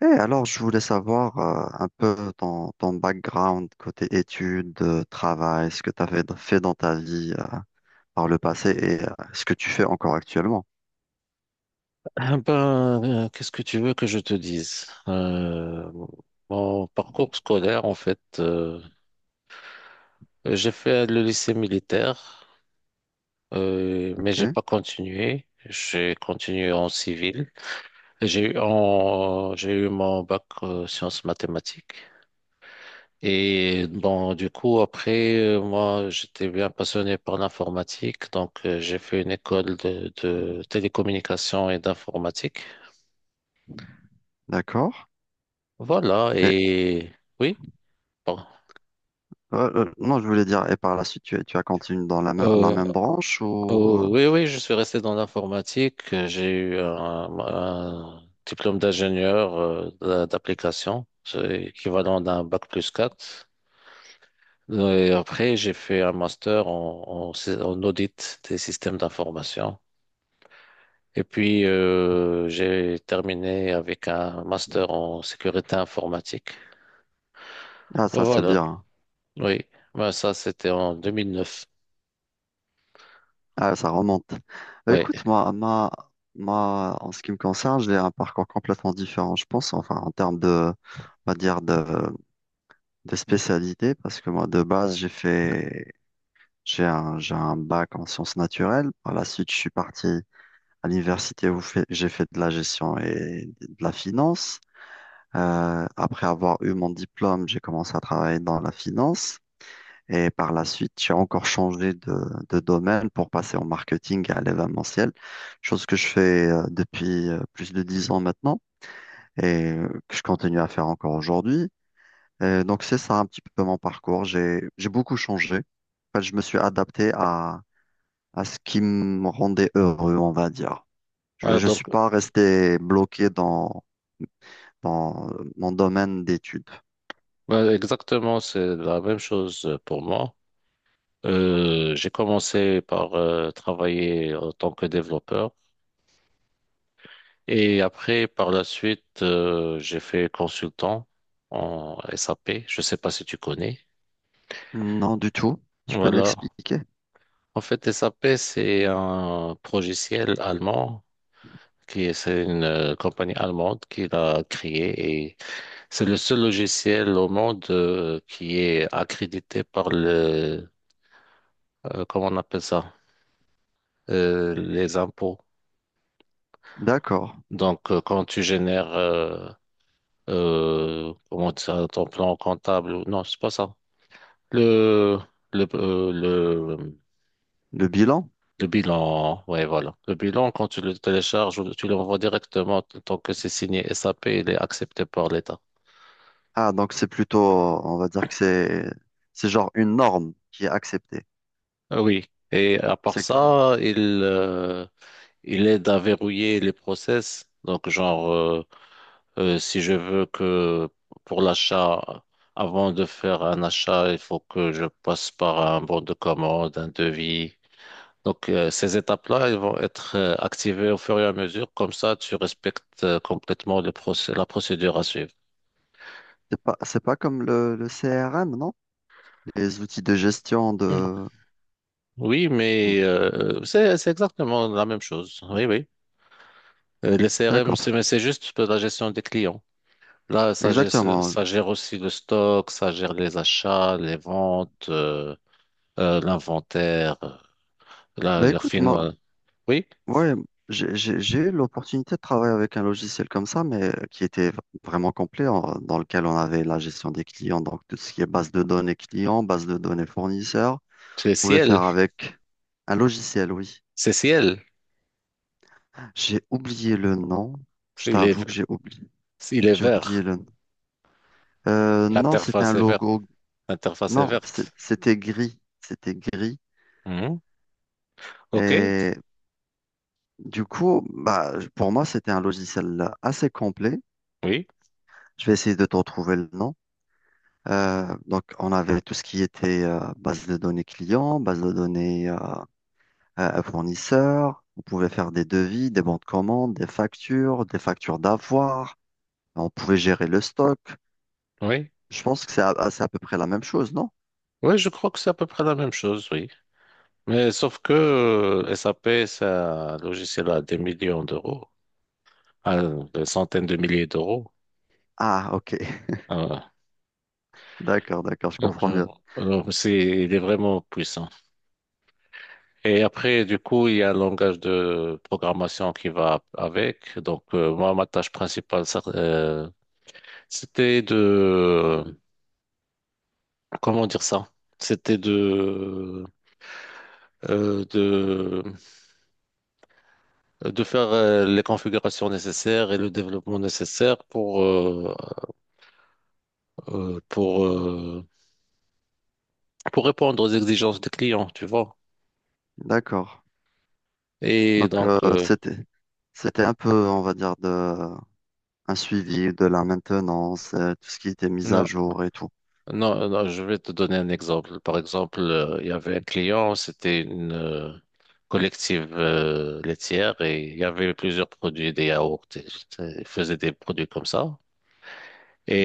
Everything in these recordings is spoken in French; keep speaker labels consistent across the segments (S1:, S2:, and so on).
S1: Et alors, je voulais savoir un peu ton background côté études, travail, ce que tu avais fait dans ta vie par le passé et ce que tu fais encore actuellement.
S2: Ah ben, qu'est-ce que tu veux que je te dise? Mon parcours scolaire, en fait, j'ai fait le lycée militaire, mais
S1: Ok,
S2: j'ai pas continué. J'ai continué en civil. J'ai eu, j'ai eu mon bac sciences mathématiques. Et bon, du coup, après, moi, j'étais bien passionné par l'informatique, donc j'ai fait une école de télécommunications et d'informatique.
S1: d'accord.
S2: Voilà,
S1: Et
S2: et oui. Bon.
S1: non, je voulais dire, et par la suite, tu as continué dans la
S2: Euh,
S1: même branche
S2: euh,
S1: ou…
S2: oui, oui, je suis resté dans l'informatique. J'ai eu un diplôme d'ingénieur d'application, c'est équivalent d'un bac+4. Et après, j'ai fait un master en audit des systèmes d'information. Et puis, j'ai terminé avec un master en sécurité informatique.
S1: Ah, ça, c'est
S2: Voilà,
S1: bien.
S2: oui. Ben, ça, c'était en 2009.
S1: Ah, ça remonte. Bah,
S2: Oui.
S1: écoute, ma, en ce qui me concerne, j'ai un parcours complètement différent, je pense, enfin, en termes de, on va dire, de spécialité, parce que moi, de base, j'ai fait. J'ai j'ai un bac en sciences naturelles. Par la suite, je suis parti à l'université où j'ai fait de la gestion et de la finance. Après avoir eu mon diplôme, j'ai commencé à travailler dans la finance. Et par la suite, j'ai encore changé de domaine pour passer au marketing et à l'événementiel, chose que je fais depuis plus de dix ans maintenant et que je continue à faire encore aujourd'hui. Et donc, c'est ça un petit peu mon parcours. J'ai beaucoup changé. En fait, je me suis adapté à ce qui me rendait heureux, on va dire. Je
S2: Voilà,
S1: ne suis
S2: donc,
S1: pas resté bloqué dans mon domaine d'études.
S2: ben, exactement, c'est la même chose pour moi. J'ai commencé par travailler en tant que développeur et après, par la suite, j'ai fait consultant en SAP. Je sais pas si tu connais.
S1: Non, du tout. Tu peux
S2: Voilà.
S1: m'expliquer?
S2: En fait, SAP, c'est un logiciel allemand qui est, c'est une compagnie allemande qui l'a créé et c'est le seul logiciel au monde qui est accrédité par comment on appelle ça, les impôts.
S1: D'accord.
S2: Donc, quand tu génères comment ça, ton plan comptable, non, c'est pas ça. Le, le, euh, le,
S1: Le bilan?
S2: le bilan, ouais, voilà. Le bilan, quand tu le télécharges, ou tu l'envoies directement tant que c'est signé SAP, il est accepté par l'État.
S1: Ah, donc on va dire que c'est genre une norme qui est acceptée.
S2: Ah, oui. Et à part
S1: C'est que-
S2: ça, euh, il aide à verrouiller les process. Donc, genre, si je veux que pour l'achat, avant de faire un achat, il faut que je passe par un bon de commande, un devis. Donc, ces étapes-là, elles vont être activées au fur et à mesure. Comme ça, tu respectes complètement la procédure à suivre.
S1: c'est pas comme le CRM, non? Les outils de gestion
S2: Mm.
S1: de…
S2: Oui, mais c'est exactement la même chose. Oui, oui. Les CRM,
S1: D'accord.
S2: mais c'est juste pour la gestion des clients. Là, ça gère,
S1: Exactement.
S2: ça gère aussi le stock, ça gère les achats, les ventes, l'inventaire. La,
S1: Bah
S2: la
S1: écoute,
S2: fin-
S1: moi,
S2: euh, Oui,
S1: ouais, j'ai eu l'opportunité de travailler avec un logiciel comme ça, mais qui était vraiment complet, dans lequel on avait la gestion des clients, donc tout ce qui est base de données clients, base de données fournisseurs.
S2: c'est
S1: On pouvait
S2: ciel.
S1: faire avec un logiciel, oui.
S2: C'est ciel.
S1: J'ai oublié le nom. Je
S2: Il est,
S1: t'avoue que j'ai oublié.
S2: il est
S1: J'ai oublié
S2: vert.
S1: le nom. Non, c'était un
S2: L'interface est verte.
S1: logo.
S2: L'interface est
S1: Non,
S2: verte.
S1: c'était gris. C'était gris.
S2: Mm. Ok,
S1: Et du coup, bah, pour moi, c'était un logiciel assez complet.
S2: oui,
S1: Je vais essayer de te retrouver le nom. Donc, on avait tout ce qui était base de données clients, base de données fournisseurs. On pouvait faire des devis, des bons de commande, des factures d'avoir. On pouvait gérer le stock.
S2: oui.
S1: Je pense que c'est c'est à peu près la même chose, non?
S2: Oui, je crois que c'est à peu près la même chose, oui. Mais sauf que SAP, c'est un logiciel à des millions d'euros, à des centaines de milliers d'euros.
S1: Ah, ok.
S2: Ah,
S1: D'accord, d'accord, je
S2: donc,
S1: comprends mieux.
S2: donc, il est vraiment puissant. Et après, du coup, il y a un langage de programmation qui va avec. Donc, moi, ma tâche principale, ça, c'était de, comment dire ça? C'était euh, de de faire les configurations nécessaires et le développement nécessaire euh, pour euh, pour répondre aux exigences des clients, tu vois.
S1: D'accord.
S2: Et
S1: Donc,
S2: donc
S1: c'était un peu, on va dire, de, un suivi de la maintenance, tout ce qui était mis à
S2: non,
S1: jour et tout.
S2: non, non, je vais te donner un exemple. Par exemple, il y avait un client, c'était une collective laitière et il y avait plusieurs produits, des yaourts, et ils faisaient des produits comme ça.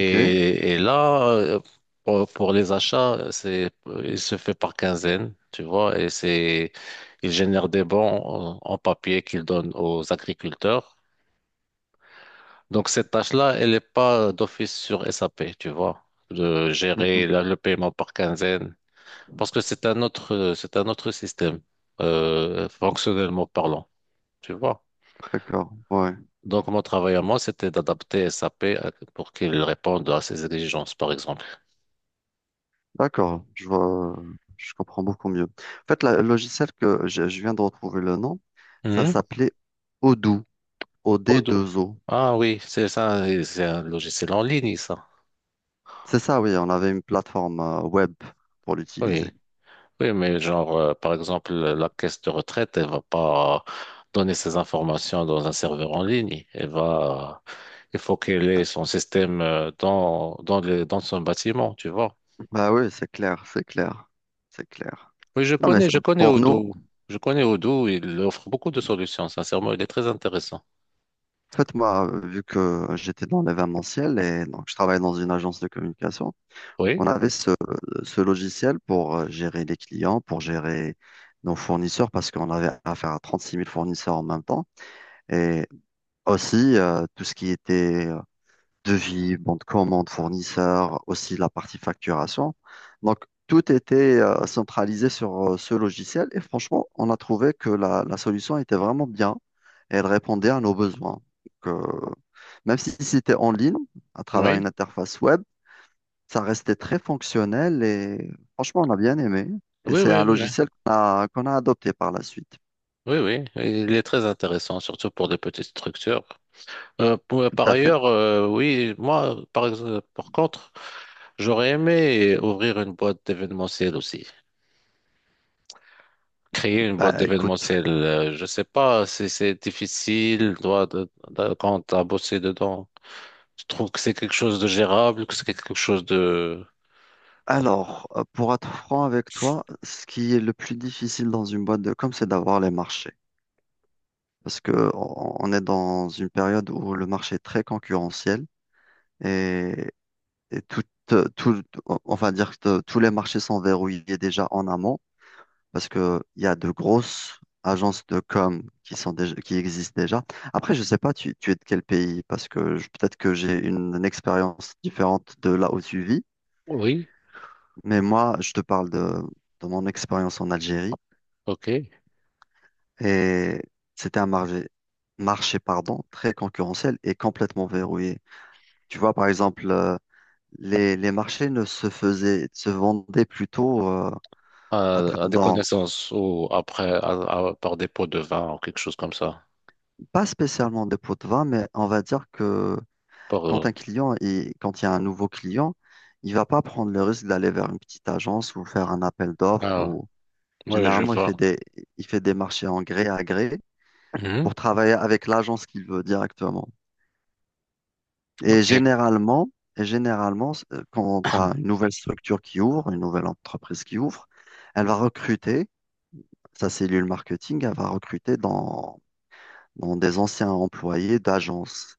S1: Ok?
S2: et là, pour les achats, il se fait par quinzaine, tu vois, et il génère des bons en papier qu'il donne aux agriculteurs. Donc, cette tâche-là, elle n'est pas d'office sur SAP, tu vois, de gérer
S1: Mhm.
S2: le paiement par quinzaine, parce que c'est un autre système, fonctionnellement parlant, tu vois.
S1: D'accord, ouais.
S2: Donc, mon travail à moi, c'était d'adapter SAP pour qu'il réponde à ces exigences, par exemple.
S1: D'accord, je vois, je comprends beaucoup mieux. En fait, le logiciel je viens de retrouver le nom, ça s'appelait Odoo, o d
S2: Odoo.
S1: deux o.
S2: Ah oui, c'est ça, et c'est un logiciel en ligne, ça.
S1: C'est ça, oui, on avait une plateforme web pour l'utiliser.
S2: Oui, oui, mais genre, par exemple, la caisse de retraite, elle va pas donner ses informations dans un serveur en ligne. Il faut qu'elle ait
S1: Ah,
S2: son système dans son bâtiment, tu vois.
S1: bah oui, c'est clair.
S2: Oui,
S1: Non, mais
S2: je connais
S1: pour nous,
S2: Odoo. Je connais Odoo, il offre beaucoup de solutions, sincèrement, il est très intéressant.
S1: en fait, moi, vu que j'étais dans l'événementiel et donc je travaille dans une agence de communication, on
S2: Oui,
S1: avait ce logiciel pour gérer les clients, pour gérer nos fournisseurs, parce qu'on avait affaire à trente-six mille fournisseurs en même temps. Et aussi, tout ce qui était devis, bon de commande, fournisseur, aussi la partie facturation. Donc, tout était centralisé sur ce logiciel et franchement, on a trouvé que la solution était vraiment bien et elle répondait à nos besoins. Donc, même si c'était en ligne, à travers
S2: oui,
S1: une interface web, ça restait très fonctionnel et franchement, on a bien aimé. Et
S2: oui,
S1: c'est un
S2: oui, oui,
S1: logiciel qu'on a adopté par la suite.
S2: oui, oui, oui. Il est très intéressant, surtout pour des petites structures. Euh, pour-
S1: Tout
S2: par
S1: à fait.
S2: ailleurs, oui, moi, par contre, j'aurais aimé ouvrir une boîte d'événementiel aussi. Créer une boîte
S1: Bah, écoute.
S2: d'événementiel, je sais pas si c'est difficile, toi, quand t'as bossé dedans. Je trouve que c'est quelque chose de gérable, que c'est quelque chose de.
S1: Alors, pour être franc avec toi, ce qui est le plus difficile dans une boîte de com, c'est d'avoir les marchés. Parce que on est dans une période où le marché est très concurrentiel et, et tout, on va dire que tous les marchés sont verrouillés déjà en amont parce que il y a de grosses agences de com qui sont qui existent déjà. Après, je sais pas, tu es de quel pays parce que peut-être que j'ai une expérience différente de là où tu vis.
S2: Oui,
S1: Mais moi, je te parle de mon expérience en Algérie.
S2: ok.
S1: Et c'était marché pardon, très concurrentiel et complètement verrouillé. Tu vois, par exemple, les marchés ne se faisaient, se vendaient plutôt à
S2: À, à
S1: tra-
S2: des
S1: dans,
S2: connaissances ou après, par dépôt de vin ou quelque chose comme ça.
S1: pas spécialement des pots de vin, mais on va dire que
S2: Par,
S1: quand
S2: euh,
S1: quand il y a un nouveau client, il va pas prendre le risque d'aller vers une petite agence ou faire un appel d'offres
S2: ah,
S1: ou
S2: oui, je
S1: généralement,
S2: vois.
S1: il fait des marchés en gré à gré
S2: Mhm,
S1: pour travailler avec l'agence qu'il veut directement. Et
S2: Ok.
S1: généralement, et généralement, quand tu as une nouvelle structure qui ouvre, une nouvelle entreprise qui ouvre, elle va recruter, sa cellule marketing, elle va recruter dans des anciens employés d'agence.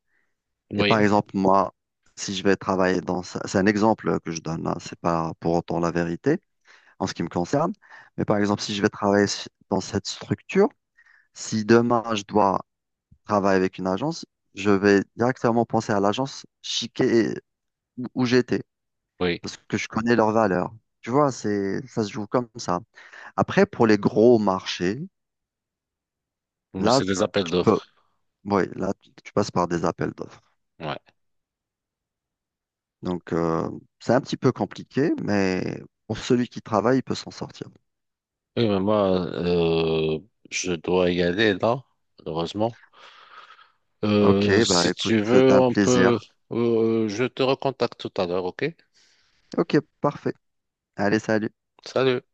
S1: Et par
S2: Oui,
S1: exemple, moi, si je vais travailler c'est un exemple que je donne, hein, c'est pas pour autant la vérité en ce qui me concerne, mais par exemple, si je vais travailler dans cette structure, si demain je dois travailler avec une agence, je vais directement penser à l'agence chiquée où j'étais.
S2: oui.
S1: Parce que je connais leurs valeurs. Tu vois, ça se joue comme ça. Après, pour les gros marchés,
S2: Mais
S1: là,
S2: c'est des appels
S1: tu peux,
S2: d'offres.
S1: ouais, là, tu passes par des appels d'offres.
S2: Ouais.
S1: Donc, c'est un petit peu compliqué, mais pour celui qui travaille, il peut s'en sortir.
S2: Oui, mais moi, je dois y aller là, heureusement.
S1: Ok,
S2: Euh,
S1: bah
S2: si
S1: écoute,
S2: tu veux,
S1: c'est un
S2: on peut.
S1: plaisir.
S2: Je te recontacte tout à l'heure, ok?
S1: Ok, parfait. Allez, salut.
S2: Salut.